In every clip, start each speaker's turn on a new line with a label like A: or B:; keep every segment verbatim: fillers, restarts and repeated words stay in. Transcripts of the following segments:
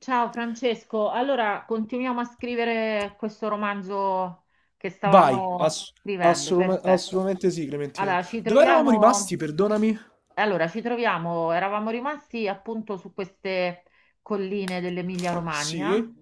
A: Ciao Francesco, allora continuiamo a scrivere questo romanzo che
B: Vai,
A: stavamo
B: ass-
A: scrivendo,
B: assolum-
A: perfetto.
B: assolutamente sì, Clementina.
A: Allora, ci
B: Dove eravamo rimasti?
A: troviamo,
B: Perdonami.
A: allora, ci troviamo, eravamo rimasti appunto su queste colline dell'Emilia-Romagna
B: Sì,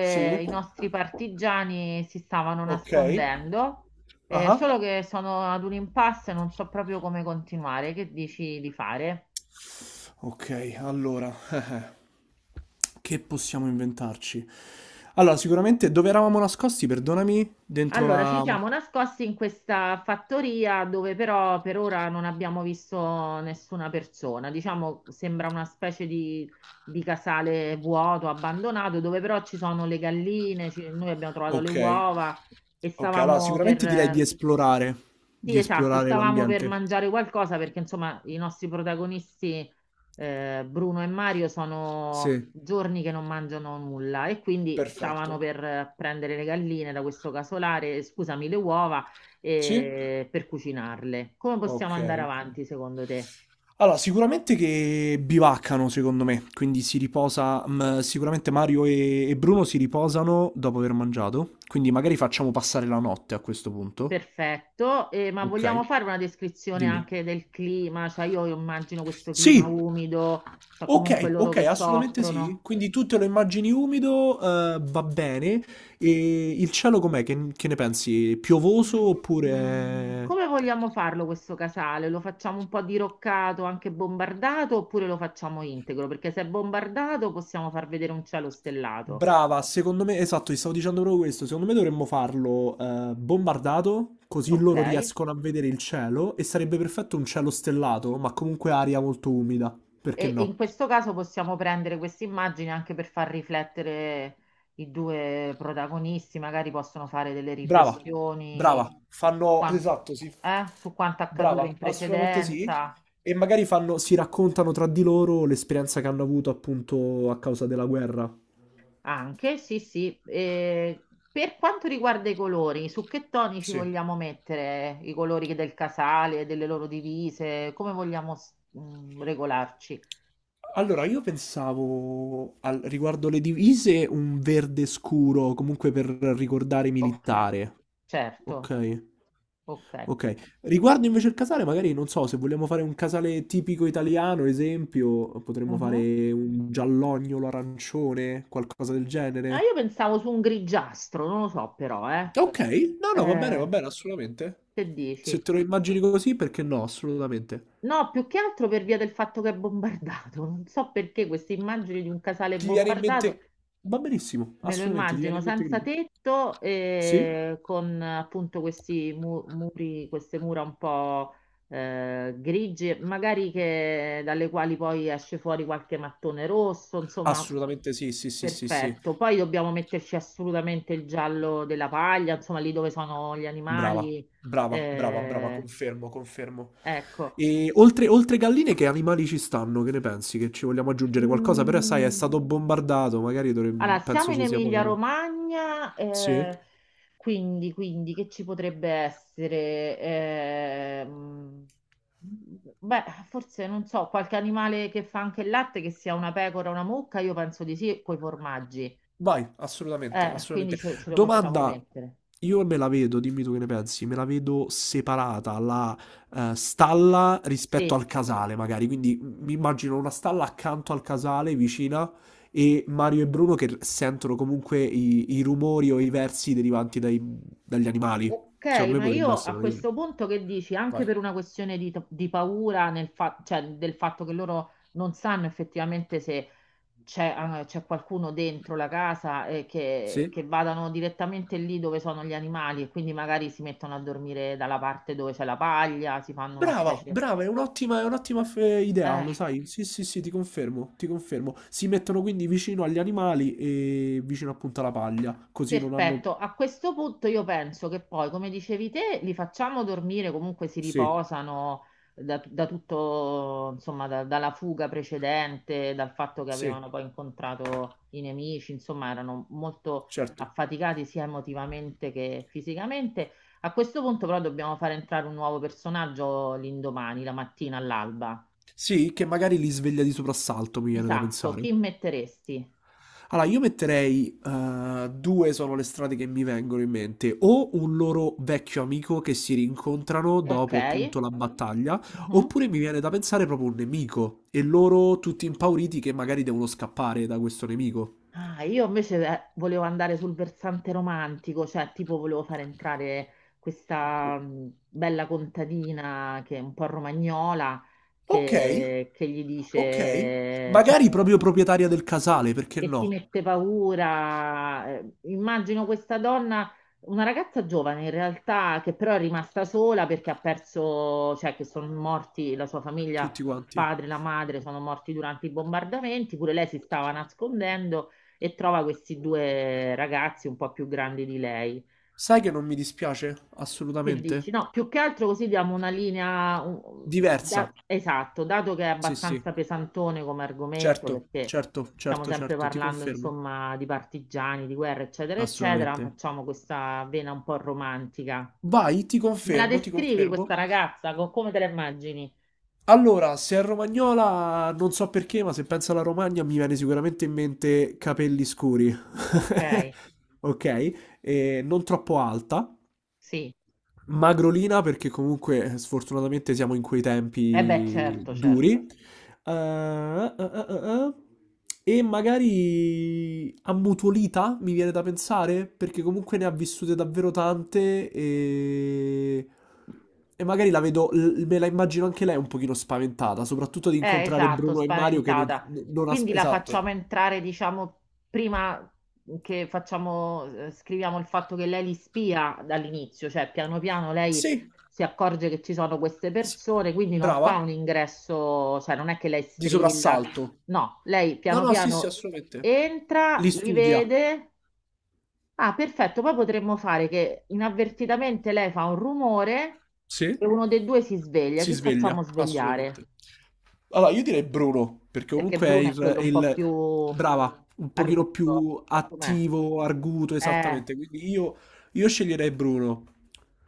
B: sì,
A: i nostri partigiani si stavano
B: ok.
A: nascondendo, eh,
B: Ah,
A: solo che sono ad un impasse e non so proprio come continuare, che dici di fare?
B: ok, allora, che possiamo inventarci? Allora, sicuramente dove eravamo nascosti? Perdonami, dentro
A: Allora, ci
B: la...
A: siamo nascosti in questa fattoria dove però per ora non abbiamo visto nessuna persona. Diciamo, sembra una specie di, di casale vuoto, abbandonato, dove però ci sono le galline, ci- noi abbiamo trovato le
B: Ok,
A: uova e
B: ok, allora
A: stavamo per
B: sicuramente direi di
A: eh,
B: esplorare,
A: sì,
B: di
A: esatto,
B: esplorare
A: stavamo per
B: l'ambiente.
A: mangiare qualcosa perché insomma i nostri protagonisti eh, Bruno e Mario sono
B: Sì,
A: giorni che non mangiano nulla e quindi stavano
B: perfetto.
A: per eh, prendere le galline da questo casolare, scusami, le uova
B: Sì?
A: eh, per cucinarle. Come possiamo
B: Ok,
A: andare
B: ok.
A: avanti secondo te?
B: Allora, sicuramente che bivaccano, secondo me, quindi si riposa, mm, sicuramente Mario e, e Bruno si riposano dopo aver mangiato, quindi magari facciamo passare la notte a questo punto.
A: Perfetto, eh, ma vogliamo
B: Ok,
A: fare una descrizione
B: dimmi.
A: anche del clima? Cioè io immagino questo clima
B: Sì,
A: umido, cioè comunque
B: ok,
A: loro
B: ok,
A: che
B: assolutamente sì.
A: soffrono.
B: Quindi tu te lo immagini umido, eh, va bene. E il cielo com'è? Che, che ne pensi? Piovoso
A: Mm,
B: oppure...
A: Come vogliamo farlo questo casale? Lo facciamo un po' diroccato, anche bombardato, oppure lo facciamo integro? Perché se è bombardato possiamo far vedere un cielo stellato,
B: Brava, secondo me, esatto, ti stavo dicendo proprio questo. Secondo me dovremmo farlo eh, bombardato, così
A: ok?
B: loro riescono a vedere il cielo e sarebbe perfetto un cielo stellato, ma comunque aria molto umida. Perché
A: E, e in
B: no?
A: questo caso possiamo prendere queste immagini anche per far riflettere i due protagonisti, magari possono fare delle
B: Brava, brava,
A: riflessioni
B: fanno...
A: quan-
B: Esatto, sì.
A: eh, su quanto accaduto
B: Brava,
A: in
B: assolutamente sì.
A: precedenza.
B: E magari fanno, si raccontano tra di loro l'esperienza che hanno avuto appunto a causa della guerra.
A: Anche, sì, sì. Eh, per quanto riguarda i colori, su che toni ci
B: Sì.
A: vogliamo mettere i colori del casale, delle loro divise, come vogliamo s- mh, regolarci?
B: Allora, io pensavo al- riguardo le divise un verde scuro, comunque per ricordare
A: Ok,
B: militare.
A: certo,
B: Ok,
A: ok.
B: ok. Riguardo invece il casale, magari non so, se vogliamo fare un casale tipico italiano, esempio, potremmo
A: Mhm.
B: fare un giallognolo arancione, qualcosa del
A: Ah,
B: genere.
A: io pensavo su un grigiastro, non lo so però, eh.
B: Ok, no, no, va bene, va
A: Eh,
B: bene, assolutamente.
A: che
B: Se
A: dici?
B: te lo immagini così, perché no, assolutamente.
A: No, più che altro per via del fatto che è bombardato. Non so perché queste immagini di un casale
B: Ti viene in
A: bombardato
B: mente... Va benissimo,
A: me lo
B: assolutamente, ti viene
A: immagino
B: in mente
A: senza
B: Grillo.
A: tetto,
B: Sì?
A: eh, con appunto questi mu- muri, queste mura un po' eh, grigie, magari che, dalle quali poi esce fuori qualche mattone rosso, insomma,
B: Assolutamente sì, sì, sì, sì, sì.
A: perfetto. Poi dobbiamo metterci assolutamente il giallo della paglia, insomma, lì dove sono gli
B: Brava,
A: animali.
B: brava, brava, brava,
A: Eh,
B: confermo, confermo.
A: ecco.
B: E oltre, oltre galline, che animali ci stanno? Che ne pensi? Che ci vogliamo aggiungere qualcosa? Però, sai, è
A: Mm,
B: stato bombardato, magari
A: allora,
B: dovremmo-
A: siamo
B: penso
A: in
B: ci sia poca roba.
A: Emilia-Romagna,
B: Sì?
A: eh, quindi, quindi che ci potrebbe essere? Ehm, beh, forse non so, qualche animale che fa anche il latte, che sia una pecora o una mucca, io penso di sì, coi formaggi.
B: Vai, assolutamente,
A: Eh, quindi
B: assolutamente.
A: ce, ce lo possiamo
B: Domanda,
A: mettere.
B: io me la vedo, dimmi tu che ne pensi, me la vedo separata la eh, stalla rispetto
A: Sì.
B: al casale, magari. Quindi m- mi immagino una stalla accanto al casale, vicina, e Mario e Bruno che sentono comunque i, i rumori o i versi derivanti dai- dagli animali.
A: Ok,
B: Secondo me
A: ma
B: potrebbe
A: io a
B: essere un'idea.
A: questo punto che dici? Anche
B: Vai.
A: per una questione di, di paura nel fa- cioè, del fatto che loro non sanno effettivamente se c'è, ah, c'è qualcuno dentro la casa e che,
B: Sì?
A: che vadano direttamente lì dove sono gli animali e quindi magari si mettono a dormire dalla parte dove c'è la paglia, si fanno una
B: Brava,
A: specie...
B: brava, è un'ottima, è un'ottima eh, idea,
A: Eh.
B: lo sai? Sì, sì, sì, ti confermo, ti confermo. Si mettono quindi vicino agli animali e vicino appunto alla paglia, così non hanno...
A: Perfetto, a questo punto io penso che poi, come dicevi te, li facciamo dormire, comunque si
B: Sì,
A: riposano da, da tutto, insomma, da- dalla fuga precedente, dal fatto che
B: sì,
A: avevano poi incontrato i nemici, insomma, erano molto
B: certo.
A: affaticati sia emotivamente che fisicamente. A questo punto però dobbiamo fare entrare un nuovo personaggio l'indomani, la mattina all'alba.
B: Sì, che magari li sveglia di soprassalto, mi viene da
A: Esatto,
B: pensare.
A: chi metteresti?
B: Allora, io metterei, eh, due sono le strade che mi vengono in mente, o un loro vecchio amico che si rincontrano
A: Ok.
B: dopo appunto la battaglia,
A: Mhm.
B: oppure mi viene da pensare proprio un nemico e loro tutti impauriti che magari devono scappare da questo nemico.
A: Ah, io invece eh, volevo andare sul versante romantico, cioè tipo volevo fare entrare
B: O-
A: questa mh, bella contadina che è un po' romagnola,
B: Ok,
A: che, che gli
B: ok.
A: dice, insomma,
B: Magari proprio proprietaria del casale, perché
A: che si
B: no?
A: mette paura. Eh, Immagino questa donna, una ragazza giovane in realtà, che però è rimasta sola perché ha perso, cioè che sono morti la sua famiglia,
B: Tutti
A: il
B: quanti.
A: padre, la madre, sono morti durante i bombardamenti, pure lei si stava nascondendo e trova questi due ragazzi un po' più grandi di lei.
B: Sai che non mi dispiace?
A: Che dici?
B: Assolutamente.
A: No, più che altro così diamo una linea, un- da-
B: Diversa.
A: esatto, dato che è
B: Sì, sì.
A: abbastanza pesantone come argomento,
B: Certo,
A: perché
B: certo,
A: stiamo
B: certo,
A: sempre
B: certo, ti
A: parlando,
B: confermo.
A: insomma, di partigiani, di guerra, eccetera, eccetera,
B: Assolutamente.
A: facciamo questa vena un po' romantica.
B: Vai, ti
A: Me la
B: confermo, ti
A: descrivi questa
B: confermo.
A: ragazza? Co- Come te la immagini?
B: Allora, se è romagnola, non so perché, ma se penso alla Romagna mi viene sicuramente in mente capelli scuri.
A: Ok,
B: Ok? E non troppo alta.
A: sì.
B: Magrolina perché comunque eh, sfortunatamente siamo in quei
A: E beh,
B: tempi
A: certo, certo.
B: duri. Eh, eh, eh, eh, eh. E magari ammutolita, mi viene da pensare, perché comunque ne ha vissute davvero tante e, e magari la vedo, l- me la immagino anche lei un pochino spaventata, soprattutto di
A: Eh,
B: incontrare
A: esatto,
B: Bruno e Mario che non,
A: spaventata.
B: non as-
A: Quindi la
B: esatto.
A: facciamo entrare, diciamo, prima che facciamo, eh, scriviamo il fatto che lei li spia dall'inizio, cioè piano piano lei
B: Sì,
A: si accorge che ci sono queste
B: sì.
A: persone, quindi non fa
B: Brava,
A: un ingresso, cioè non è che lei
B: di
A: strilla,
B: soprassalto.
A: no, lei
B: No,
A: piano
B: no, sì, sì,
A: piano
B: assolutamente.
A: entra,
B: Li
A: li
B: studia.
A: vede. Ah, perfetto, poi potremmo fare che inavvertitamente lei fa un rumore e
B: Sì.
A: uno dei due si sveglia.
B: Si
A: Chi
B: sveglia,
A: facciamo svegliare?
B: assolutamente. Allora, io direi Bruno, perché
A: Perché
B: comunque è
A: Bruno è
B: il,
A: quello
B: è
A: un po' più
B: il- Brava, un pochino
A: arguto.
B: più
A: Com'è?
B: attivo, arguto,
A: Eh,
B: esattamente. Quindi io, io sceglierei Bruno.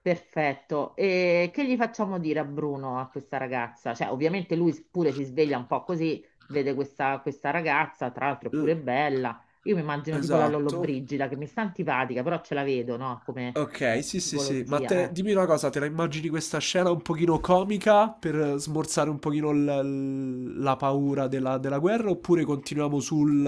A: perfetto. E che gli facciamo dire a Bruno, a questa ragazza? Cioè, ovviamente lui pure si sveglia un po' così, vede questa, questa ragazza, tra l'altro è
B: Eh,
A: pure bella. Io mi immagino tipo la
B: esatto.
A: Lollobrigida, che mi sta antipatica, però ce la vedo, no? Come
B: Ok, sì, sì, sì. Ma
A: tipologia,
B: te,
A: eh.
B: dimmi una cosa, te la immagini questa scena un pochino comica per smorzare un pochino l- la paura della, della guerra oppure continuiamo sul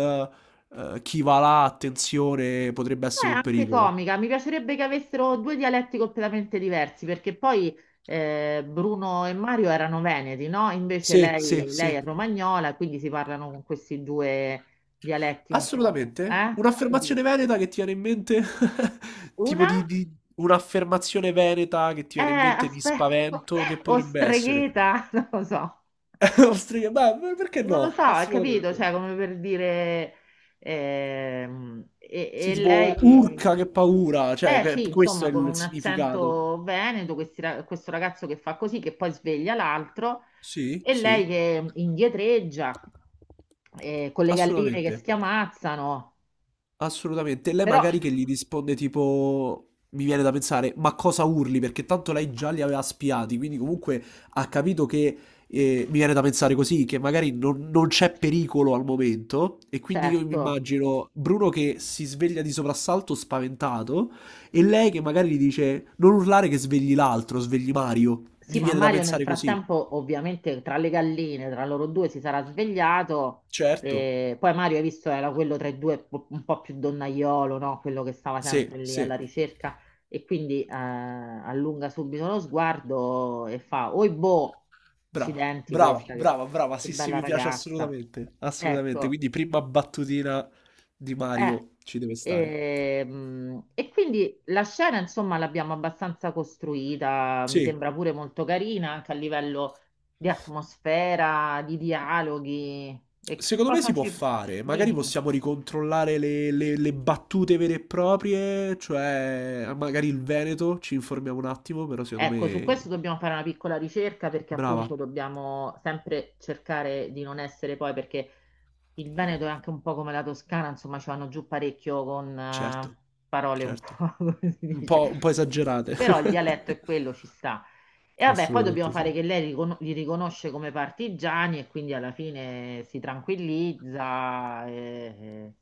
B: eh, chi va là, attenzione, potrebbe
A: È
B: essere un
A: anche
B: pericolo?
A: comica, mi piacerebbe che avessero due dialetti completamente diversi, perché poi eh, Bruno e Mario erano veneti, no? Invece
B: Sì, sì,
A: lei, lei
B: sì.
A: è romagnola, quindi si parlano con questi due dialetti un po'.
B: Assolutamente.
A: Eh? Quindi,
B: Un'affermazione veneta che ti viene in mente? Tipo
A: una
B: di, di- un'affermazione veneta che ti
A: è,
B: viene in mente di
A: aspetta,
B: spavento che
A: o
B: potrebbe essere?
A: stregheta, non lo so.
B: Ostriche, beh, perché
A: Non lo
B: no?
A: so, hai capito?
B: Assolutamente.
A: Cioè, come per dire... ehm, e
B: Sì,
A: e
B: tipo urca
A: lei...
B: che paura, cioè
A: Eh
B: que-
A: sì,
B: questo è
A: insomma, con
B: il
A: un
B: significato.
A: accento veneto, questi ra- questo ragazzo che fa così, che poi sveglia l'altro,
B: Sì,
A: e lei
B: sì,
A: che indietreggia, eh, con le galline che
B: assolutamente,
A: schiamazzano,
B: assolutamente. Lei
A: però
B: magari che gli risponde tipo, mi viene da pensare, ma cosa urli? Perché tanto lei già li aveva spiati, quindi comunque ha capito che, eh, mi viene da pensare così, che magari non, non c'è pericolo al momento, e quindi io mi
A: certo.
B: immagino Bruno che si sveglia di soprassalto spaventato, e lei che magari gli dice, non urlare che svegli l'altro, svegli Mario.
A: Sì,
B: Mi
A: ma
B: viene da
A: Mario nel
B: pensare così.
A: frattempo, ovviamente, tra le galline, tra loro due si sarà svegliato.
B: Certo,
A: E poi Mario, hai visto, era quello tra i due po- un po' più donnaiolo, no? Quello che stava
B: sì,
A: sempre lì
B: sì,
A: alla ricerca. E quindi eh, allunga subito lo sguardo e fa: Oi boh,
B: brava,
A: accidenti
B: brava,
A: questa, che,
B: brava, brava,
A: che
B: sì, sì,
A: bella
B: mi piace
A: ragazza.
B: assolutamente, assolutamente,
A: Ecco.
B: quindi prima battutina di
A: Eh,
B: Mario ci deve stare.
A: ehm, e, quindi la scena, insomma, l'abbiamo abbastanza costruita, mi
B: Sì,
A: sembra pure molto carina anche a livello di atmosfera, di dialoghi. E che
B: secondo me
A: cosa
B: si può
A: ci...
B: fare, magari
A: Dimmi.
B: possiamo ricontrollare le, le- le battute vere e proprie, cioè magari il Veneto, ci informiamo un attimo, però secondo
A: Ecco, su questo
B: me
A: dobbiamo fare una piccola ricerca perché appunto
B: brava,
A: dobbiamo sempre cercare di non essere poi, perché il Veneto è anche un po' come la Toscana, insomma, ci vanno giù parecchio con
B: certo,
A: eh, parole un
B: certo,
A: po', come si
B: un
A: dice.
B: po', un po' esagerate.
A: Però il dialetto è quello, ci sta. E vabbè, poi dobbiamo
B: Assolutamente
A: fare
B: sì.
A: che lei ricon- li riconosce come partigiani e quindi alla fine si tranquillizza. e- e-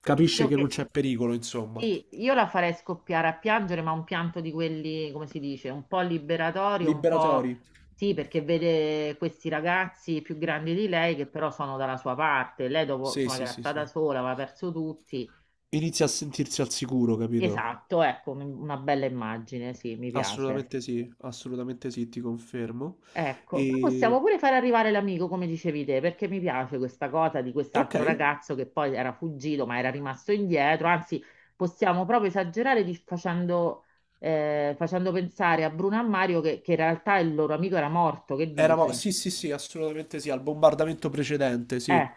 B: Capisce
A: Credo
B: che non
A: che
B: c'è pericolo, insomma.
A: sì, io la farei scoppiare a piangere, ma un pianto di quelli, come si dice, un po' liberatorio, un po'
B: Liberatori.
A: sì, perché vede questi ragazzi più grandi di lei che però sono dalla sua parte. Lei dopo,
B: Sì,
A: insomma, che
B: sì,
A: era
B: sì,
A: stata
B: sì.
A: sola, aveva perso tutti.
B: Inizia a sentirsi al sicuro, capito?
A: Esatto, ecco, un- una bella immagine, sì, mi piace.
B: Assolutamente sì, assolutamente sì, ti confermo.
A: Ecco, poi
B: E...
A: possiamo pure far arrivare l'amico, come dicevi te, perché mi piace questa cosa di
B: Ok,
A: quest'altro ragazzo che poi era fuggito ma era rimasto indietro. Anzi, possiamo proprio esagerare di- facendo, eh, facendo pensare a Bruno e a Mario che, che in realtà il loro amico era morto. Che
B: eravamo...
A: dici?
B: Sì, sì, sì, assolutamente sì, al bombardamento precedente,
A: Eh,
B: sì.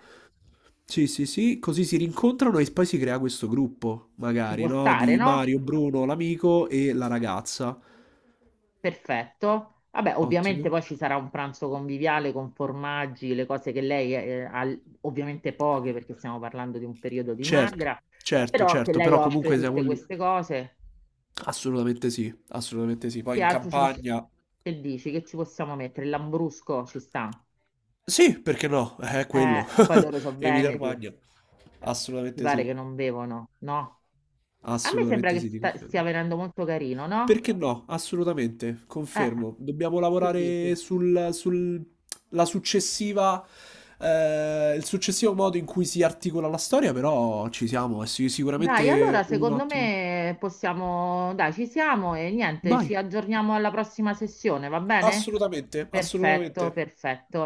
B: Sì, sì, sì, così si rincontrano e poi si crea questo gruppo,
A: ci
B: magari,
A: può
B: no?
A: stare,
B: Di
A: no?
B: Mario, Bruno, l'amico e la ragazza.
A: Perfetto. Vabbè, ovviamente
B: Ottimo.
A: poi ci sarà un pranzo conviviale con formaggi, le cose che lei eh, ha, ovviamente poche perché stiamo parlando di un periodo di
B: Certo,
A: magra,
B: certo,
A: però che
B: certo,
A: lei
B: però
A: offre
B: comunque siamo
A: tutte
B: lì.
A: queste cose.
B: Assolutamente sì, assolutamente sì. Poi
A: Che
B: in
A: altro ci possiamo...
B: campagna.
A: Che dici? Che ci possiamo mettere? Il Lambrusco ci sta.
B: Sì, perché no? Eh, è
A: Eh,
B: quello.
A: poi loro sono veneti,
B: Emilia-Romagna.
A: mi
B: Assolutamente
A: pare che
B: sì.
A: non bevono, no? A me sembra
B: Assolutamente
A: che
B: sì, ti
A: sta-
B: confermo.
A: stia venendo molto carino, no?
B: Perché no? Assolutamente,
A: Eh,
B: confermo. Dobbiamo
A: che dici?
B: lavorare sul, sul- la successiva, eh, il successivo modo in cui si articola la storia, però ci siamo, è sic-
A: Dai, allora
B: sicuramente un
A: secondo
B: ottimo.
A: me possiamo, dai, ci siamo e niente,
B: Vai,
A: ci aggiorniamo alla prossima sessione, va bene?
B: assolutamente,
A: Perfetto,
B: assolutamente.
A: perfetto.